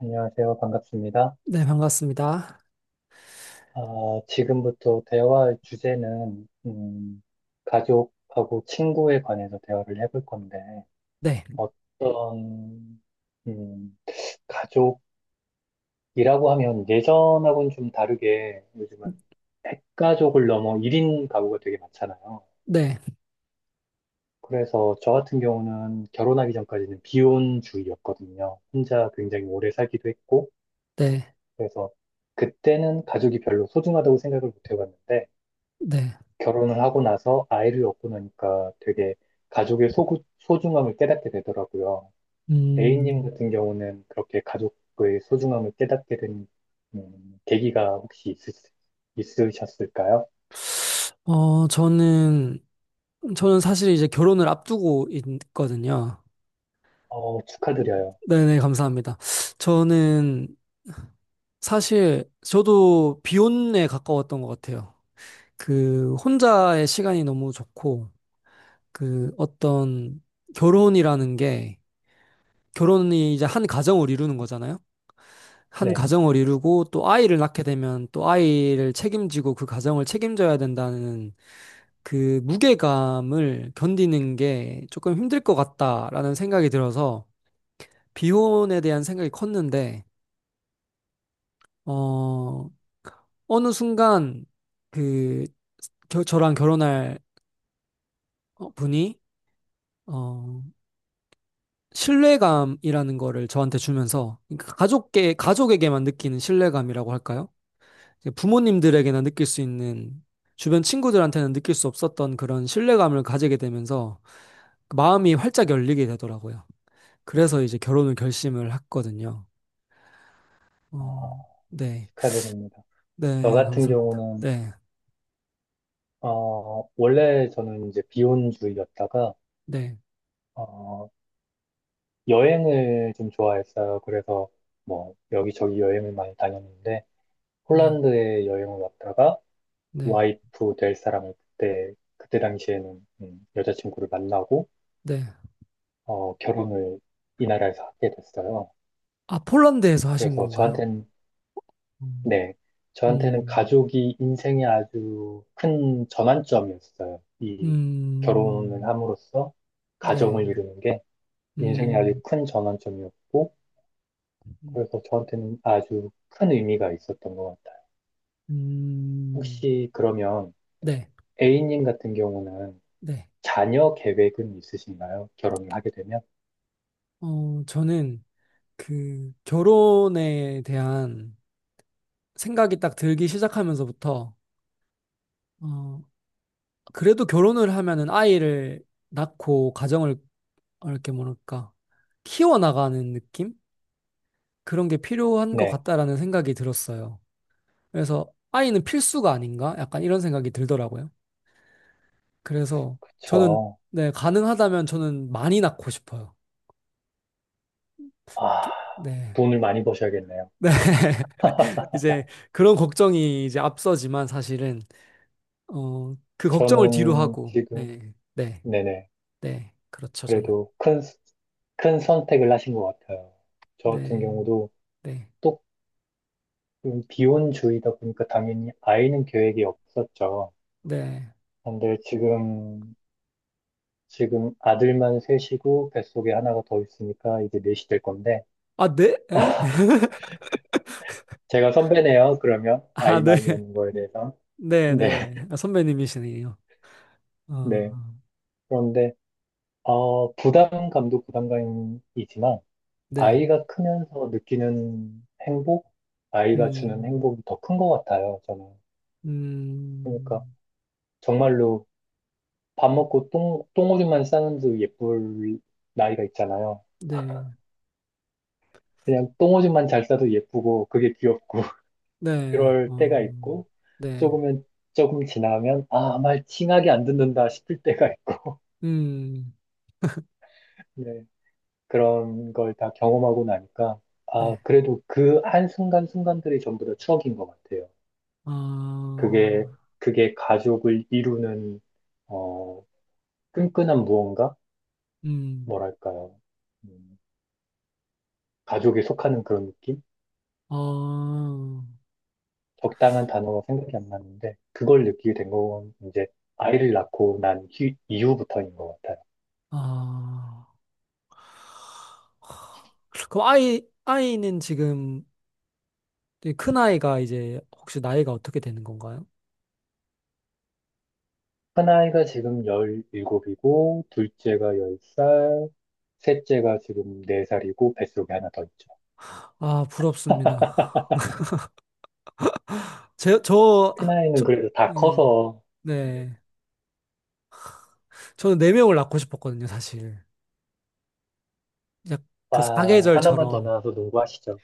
안녕하세요. 반갑습니다. 네, 반갑습니다. 아, 지금부터 대화할 주제는, 가족하고 친구에 관해서 대화를 해볼 건데, 네, 어떤, 음, 가족이라고 하면 예전하고는 좀 다르게 요즘은 핵가족을 넘어 1인 가구가 되게 많잖아요. 네, 그래서 저 같은 경우는 결혼하기 전까지는 비혼주의였거든요. 혼자 굉장히 오래 살기도 했고, 네, 그래서 그때는 가족이 별로 소중하다고 생각을 못 해봤는데, 네. 결혼을 하고 나서 아이를 얻고 나니까 되게 소중함을 깨닫게 되더라고요. A님 음, 같은 경우는 그렇게 가족의 소중함을 깨닫게 된 계기가 있으셨을까요? 어, 저는, 저는 사실 이제 결혼을 앞두고 있거든요. 어, 축하드려요. 네네, 감사합니다. 저는 사실, 저도 비혼에 가까웠던 것 같아요. 그, 혼자의 시간이 너무 좋고, 그, 어떤 결혼이라는 게, 결혼이 이제 한 가정을 이루는 거잖아요. 한 네, 가정을 이루고 또 아이를 낳게 되면 또 아이를 책임지고 그 가정을 책임져야 된다는 그 무게감을 견디는 게 조금 힘들 것 같다라는 생각이 들어서 비혼에 대한 생각이 컸는데, 어, 어느 순간 그 저랑 결혼할 분이 어, 신뢰감이라는 거를 저한테 주면서 그러니까 가족에게만 느끼는 신뢰감이라고 할까요? 이제 부모님들에게나 느낄 수 있는 주변 친구들한테는 느낄 수 없었던 그런 신뢰감을 가지게 되면서 그 마음이 활짝 열리게 되더라고요. 그래서 이제 결혼을 결심을 했거든요. 아, 어, 네. 축하드립니다. 저 네, 같은 감사합니다. 경우는 네. 원래 저는 이제 비혼주의였다가 네. 어, 여행을 좀 좋아했어요. 그래서 뭐 여기저기 여행을 많이 다녔는데 네. 폴란드에 여행을 왔다가 네. 와이프 될 사람을 그때 당시에는 여자친구를 만나고, 네. 결혼을 이 나라에서 하게 됐어요. 아, 폴란드에서 하신 그래서 건가요? 저한테는, 음. 네, 저한테는 음. 가족이 인생의 아주 큰 전환점이었어요. 이 결혼을 음. 함으로써 네. 가정을 이루는 게 인생의 아주 음. 큰 전환점이었고, 음. 그래서 저한테는 아주 큰 의미가 있었던 것 같아요. 음, 혹시 그러면 네. A님 같은 경우는 네. 자녀 계획은 있으신가요? 결혼을 하게 되면? 저는 그 결혼에 대한 생각이 딱 들기 시작하면서부터 어 그래도 결혼을 하면은 아이를 낳고 가정을 이렇게 뭐랄까 키워나가는 느낌 그런 게 필요한 것 네, 같다라는 생각이 들었어요. 그래서 아이는 필수가 아닌가? 약간 이런 생각이 들더라고요. 그래서 저는, 그쵸. 네, 가능하다면 저는 많이 낳고 싶어요. 아, 네. 돈을 많이 버셔야겠네요. 네. 이제 그런 걱정이 이제 앞서지만 사실은 그 걱정을 뒤로 저는 하고, 지금, 네, 네, 네네. 네, 그렇죠, 저는. 그래도 큰 선택을 하신 것 같아요. 저 같은 네, 경우도 네, 또 비혼주의다 보니까 당연히 아이는 계획이 없었죠. 네. 근데 지금, 지금 아들만 셋이고 뱃속에 하나가 더 있으니까 이제 넷이 될 건데, 아, 네? 에? 제가 선배네요, 그러면. 아, 네, 아이만 있는 거에 대해서. 네, 네, 네. 아, 선배님이시네요. 네. 어, 그런데, 부담감도 부담감이지만, 네, 아이가 크면서 느끼는 행복, 아이가 주는 음, 행복이 더 큰 것 같아요, 저는. 그러니까 음, 정말로 밥 먹고 똥오줌만 싸는 도 예쁠 나이가 있잖아요. 네, 그냥 똥오줌만 잘 싸도 예쁘고 그게 귀엽고 네, 그럴 때가 어, 있고 네, 조금은 조금 지나면 아, 말 칭하게 안 듣는다 싶을 때가 있고 음, 네, 그런 걸 다 경험하고 나니까 아, 네, 그래도 그 한순간순간들이 전부 다 추억인 것 같아요. 아, 그게, 그게 가족을 이루는, 어, 끈끈한 무언가? 음, 뭐랄까요. 음, 가족에 속하는 그런 느낌? 아, 적당한 단어가 생각이 안 나는데, 그걸 느끼게 된 건 이제 아이를 낳고 이후부터인 것 같아요. 아, 그럼 아이는 지금, 네, 큰아이가 이제 혹시 나이가 어떻게 되는 건가요? 큰아이가 지금 17이고, 둘째가 10살, 셋째가 지금 4살이고, 뱃속에 하나 더 있죠. 아, 부럽습니다. 제, 저, 하- 큰아이는 저, 그래도 다 음, 커서, 네. 네. 저는 네 명을 낳고 싶었거든요, 사실. 약그 아, 하나만 더 사계절처럼. 낳아서 농구하시죠.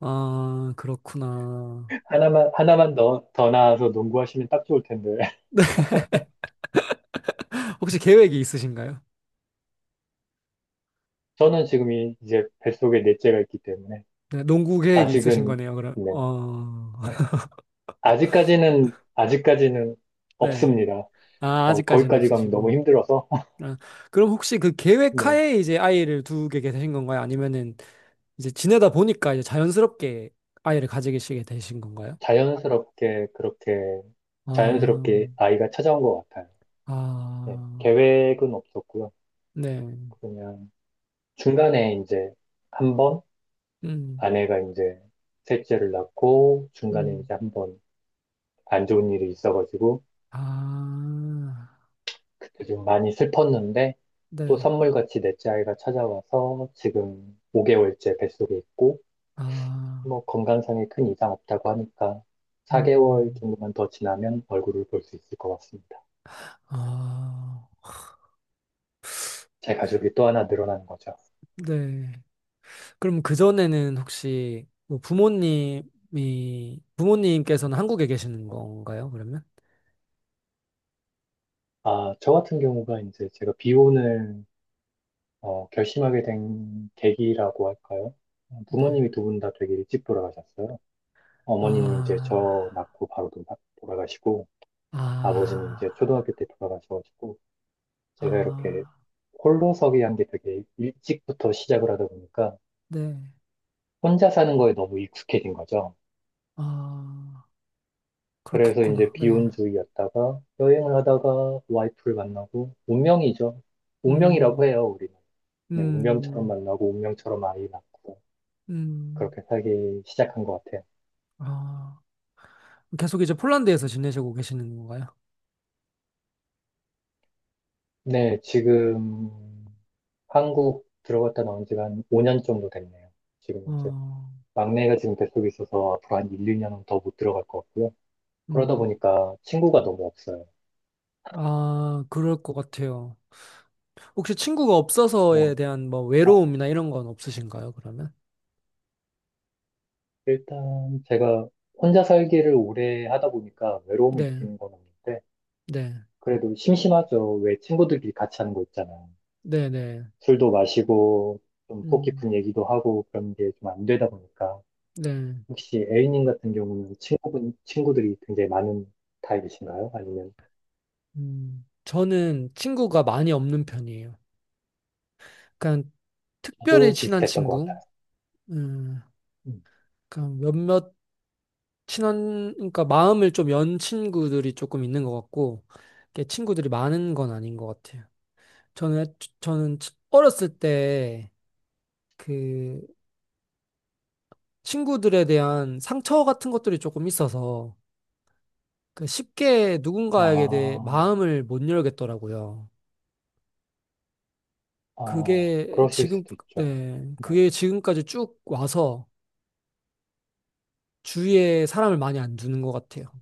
아, 그렇구나. 하나만 더 더 나아서 농구하시면 딱 좋을 텐데. 혹시 계획이 있으신가요? 저는 이제 뱃속에 넷째가 있기 때문에, 네, 농구 계획이 있으신 아직은, 거네요, 그럼. 네. 어, 아직까지는 네. 없습니다. 아, 어, 아직까지는 거기까지 가면 너무 없으시고. 힘들어서, 아, 그럼 혹시 그 계획 네. 하에 이제 아이를 두게 되신 건가요? 아니면은 이제 지내다 보니까 이제 자연스럽게 아이를 가지시게 되신 건가요? 자연스럽게, 그렇게, 자연스럽게 아, 아이가 찾아온 것 같아요. 네. 아, 계획은 없었고요. 네, 그냥 중간에 한 번, 음, 아내가 이제 셋째를 낳고, 중간에 음, 이제 한 번 안 좋은 일이 있어가지고, 아, 그때 좀 많이 슬펐는데 또 네, 선물같이 넷째 아이가 찾아와서 지금 5개월째 뱃속에 있고 아, 뭐 건강상에 큰 이상 없다고 하니까 4개월 음, 정도만 더 지나면 얼굴을 볼 수 있을 것 같습니다. 아, 제 가족이 또 하나 늘어나는 거죠. 네. 그럼 그전에는 혹시 뭐 부모님께서는 한국에 계시는 건가요, 그러면? 아, 저 같은 경우가 이제 제가 비혼을 결심하게 된 계기라고 할까요? 네. 부모님이 두 분 다 되게 일찍 돌아가셨어요. 어머니는 이제 저 아, 돌아가시고 아버지는 아, 이제 초등학교 때 돌아가셔가지고 제가 이렇게 아, 홀로서기 한 게 되게 일찍부터 시작을 하다 보니까 네, 혼자 사는 거에 너무 익숙해진 거죠. 아, 그래서 이제 그렇겠구나, 네. 비혼주의였다가 여행을 하다가 와이프를 만나고 운명이죠. 운명이라고 음, 해요, 우리는. 네, 운명처럼 음, 만나고 운명처럼 아이 낳고 음, 그렇게 살기 시작한 것 같아요. 아. 계속 이제 폴란드에서 지내시고 계시는 건가요? 네, 지금 한국 들어갔다 나온 지가 한 5년 정도 됐네요. 지금 이제 어, 막내가 지금 뱃속에 있어서 앞으로 한 1, 2년은 더 못 들어갈 것 같고요. 그러다 음, 보니까 친구가 너무 없어요. 아, 그럴 것 같아요. 혹시 친구가 없어서에 뭐, 대한 뭐 아, 외로움이나 이런 건 없으신가요, 그러면? 일단 제가 혼자 살기를 오래 하다 보니까 외로움을 네, 느끼는 건 없는데, 네, 그래도 심심하죠. 왜 친구들끼리 같이 하는 거 있잖아요. 네, 네, 술도 마시고, 좀속 음, 깊은 얘기도 하고, 그런 게 좀 안 되다 보니까. 네, 혹시 A님 같은 경우는 친구들이 굉장히 많은 타입이신가요? 아니면 저는 친구가 많이 없는 편이에요. 그냥 특별히 저도 친한 비슷했던 것 친구, 같아요. 음, 음. 그냥 몇몇 친한, 그러니까 마음을 좀 연 친구들이 조금 있는 것 같고, 이렇게 친구들이 많은 건 아닌 것 같아요. 저는, 저는 어렸을 때 그 친구들에 대한 상처 같은 것들이 조금 있어서 그 쉽게 누군가에게 대해 아, 마음을 못 열겠더라고요. 아, 그게 그러실 지금, 수도 있죠. 네, 네. 그게 지금까지 쭉 와서 주위에 사람을 많이 안 두는 것 같아요.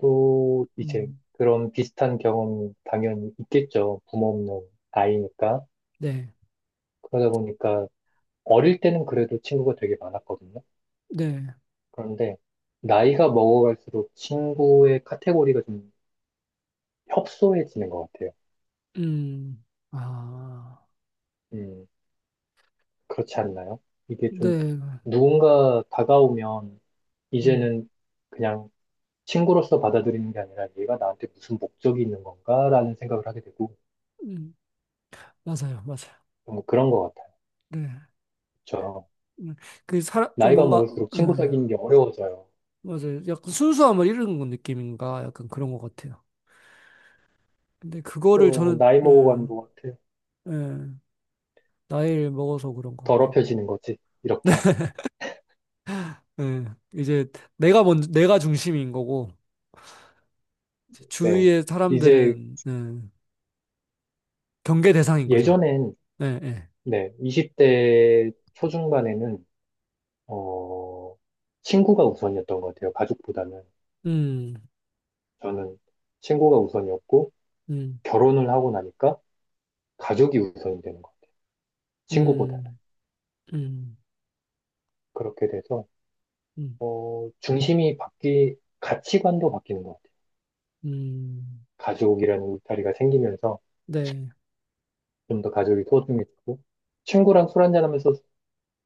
또 이제 음, 그런 비슷한 경험이 당연히 있겠죠. 부모 없는 아이니까. 네, 그러다 보니까 어릴 때는 그래도 친구가 되게 많았거든요. 네, 그런데 나이가 먹어갈수록 친구의 카테고리가 좀 협소해지는 것 같아요. 음, 아, 음, 그렇지 않나요? 이게 좀 네, 누군가 다가오면 음, 이제는 그냥 친구로서 받아들이는 게 아니라 얘가 나한테 무슨 목적이 있는 건가라는 생각을 하게 되고 음, 맞아요, 맞아요. 좀 그런 것 네, 같아요. 음, 그 사람, 좀 나이가 뭔가, 먹을수록 예. 친구 사귀는 게 어려워져요. 맞아요. 약간 순수함을 잃은 건 느낌인가? 약간 그런 것 같아요. 근데 그거를 또 저는, 나이 예, 먹어가는 것 같아요. 예, 나이를 먹어서 그런 건가? 더럽혀지는 거지, 이렇게. 예, 이제 내가 중심인 거고, 네. 주위의 이제 사람들은, 예, 경계 대상인 거죠. 예전엔, 예, 예. 네, 20대 초중반에는, 어, 친구가 우선이었던 것 같아요. 가족보다는. 음, 저는 친구가 우선이었고, 음, 결혼을 하고 나니까 가족이 우선이 되는 거예요. 친구보다는. 음, 음, 그렇게 돼서, 음, 가치관도 바뀌는 것 같아요. 음. 가족이라는 울타리가 생기면서, 네, 좀 더 가족이 소중해지고 친구랑 술 한잔하면서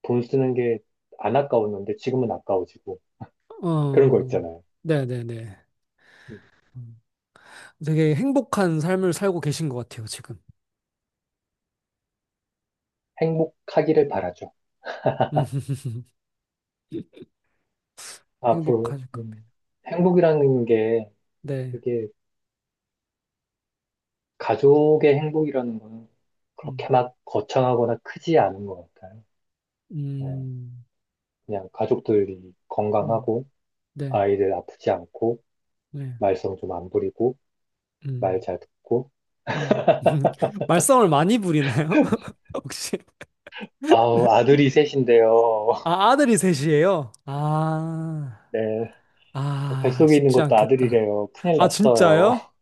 돈 쓰는 게 안 아까웠는데 지금은 아까워지고 그런 거 어, 있잖아요. 네네네. 음, 음. 되게 행복한 삶을 살고 계신 것 같아요, 지금. 행복하기를 바라죠. 음. 앞으로 행복하실 겁니다. 행복이라는 게 네. 이게 가족의 행복이라는 거는 음. 그렇게 막 거창하거나 크지 않은 것 같아요. 네, 음, 그냥 가족들이 음, 건강하고 네, 아이들 아프지 않고 네, 말썽 좀 안 부리고 말 음, 잘 듣고 음. 말썽을 많이 부리나요? 혹시? 아우 아들이 셋인데요. 아, 아들이 셋이에요? 아, 네. 아, 뱃속에 있는 쉽지 것도 않겠다. 아들이래요. 큰일 아, 났어요. 진짜요?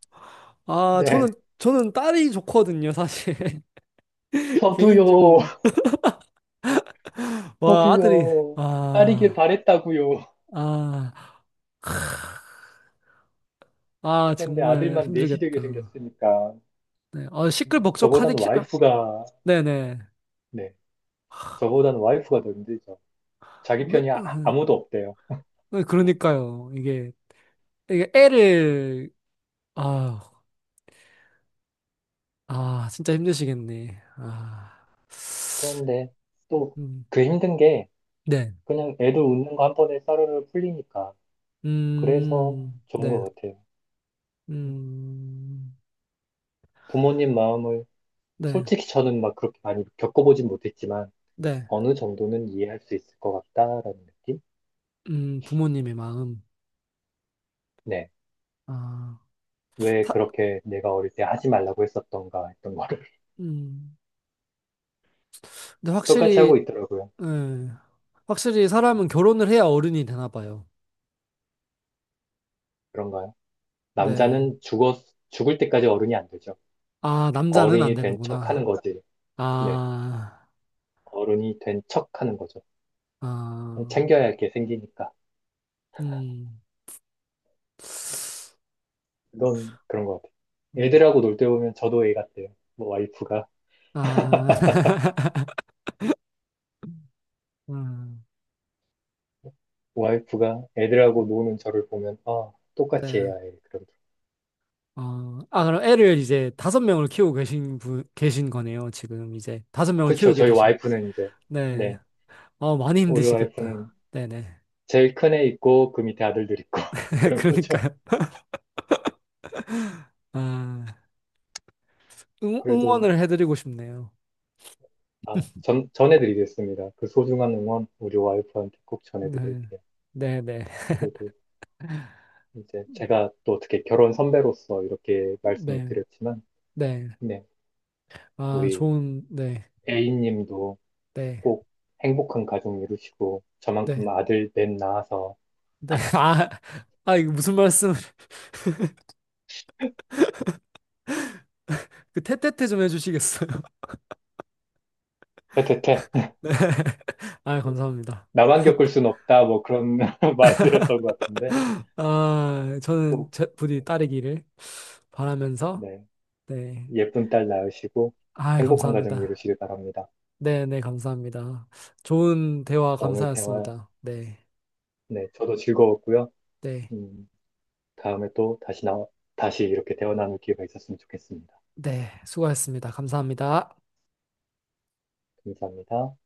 아, 저는, 네. 저는 딸이 좋거든요, 사실. 저도요. 개인적으로. 와, 아들이, 저도요. 딸이길 아, 바랬다고요. 아, 아, 그런데 정말 아들만 넷이 힘들겠다. 되게 생겼으니까 네, 아, 시끌벅적하니, 저보단 아, 와이프가 네네. 네. 저보단 와이프가 더 힘들죠. 자기 그- 편이 어, 아, 어, 아무도 없대요. 그러니까요. 이게 음, 애를, 아, 아, 진짜 힘드시겠네. 아, 그런데 또 음, 그 힘든 게 네, 그냥 애들 웃는 거 한 번에 싸르르 풀리니까 그래서 좋은 네, 것 같아요. 음, 음, 부모님 마음을 네, 솔직히 저는 막 그렇게 많이 겪어보진 못했지만 네, 어느 정도는 이해할 수 있을 것 같다라는 느낌? 부모님의 마음. 네. 아, 왜 사, 그렇게 내가 어릴 때 하지 말라고 했었던가 했던 거를 음, 근데 똑같이 하고 확실히, 있더라고요. 음, 확실히 음, 사람은 결혼을 해야 어른이 되나 봐요. 그런가요? 네. 남자는 죽었, 죽을 때까지 어른이 안 되죠. 아, 남자는 안 어른이 된 척 하는 되는구나. 거지. 네. 아, 어른이 된 척 하는 거죠. 아, 챙겨야 할 게 생기니까. 음, 그건 그런 것 같아요. 음, 애들하고 놀 때 보면 저도 애 같아요. 뭐 와이프가, 아, 음, 와이프가 애들하고 노는 저를 보면, 아, 똑같이 네. 해야 해. 그럼. 아, 아, 그럼 애를 이제 다섯 명을 키우고 계신 거네요. 지금 이제 다섯 명을 그쵸. 키우게 저희 되신. 와이프는 이제, 네. 네. 어, 많이 우리 와이프는 힘드시겠다. 네네. 제일 큰 애 있고 그 밑에 아들들 있고 그런 거죠. 그러니까요. 아, 응, 그래도 응원을 해드리고 싶네요. 아, 전해드리겠습니다. 그 소중한 응원 우리 와이프한테 꼭 네. 전해드릴게요. 네네. 그래도 이제 제가 또 어떻게 결혼 선배로서 이렇게 말씀을 네. 드렸지만, 네. 네, 아, 우리 좋은, 네. A님도 네. 꼭 행복한 가정 이루시고 저만큼 네. 아들 넷 낳아서 네. 아, 아, 이거 무슨 말씀, 그, 테테테 좀 해주시겠어요? 퇴퇴퇴 네. 아, 감사합니다. 나만 겪을 순 없다 뭐 그런 말 드렸던 것 같은데 아, 저는 꼭 부디 따르기를 바라면서 네, 네. 예쁜 딸 낳으시고 아, 행복한 가정 감사합니다. 이루시길 바랍니다. 네, 네, 감사합니다. 좋은 대화 오늘 대화, 감사였습니다. 네, 네, 저도 즐거웠고요. 네, 음, 다음에 또 다시 나, 다시 이렇게 대화 나눌 기회가 있었으면 좋겠습니다. 네. 수고하셨습니다. 감사합니다. 감사합니다.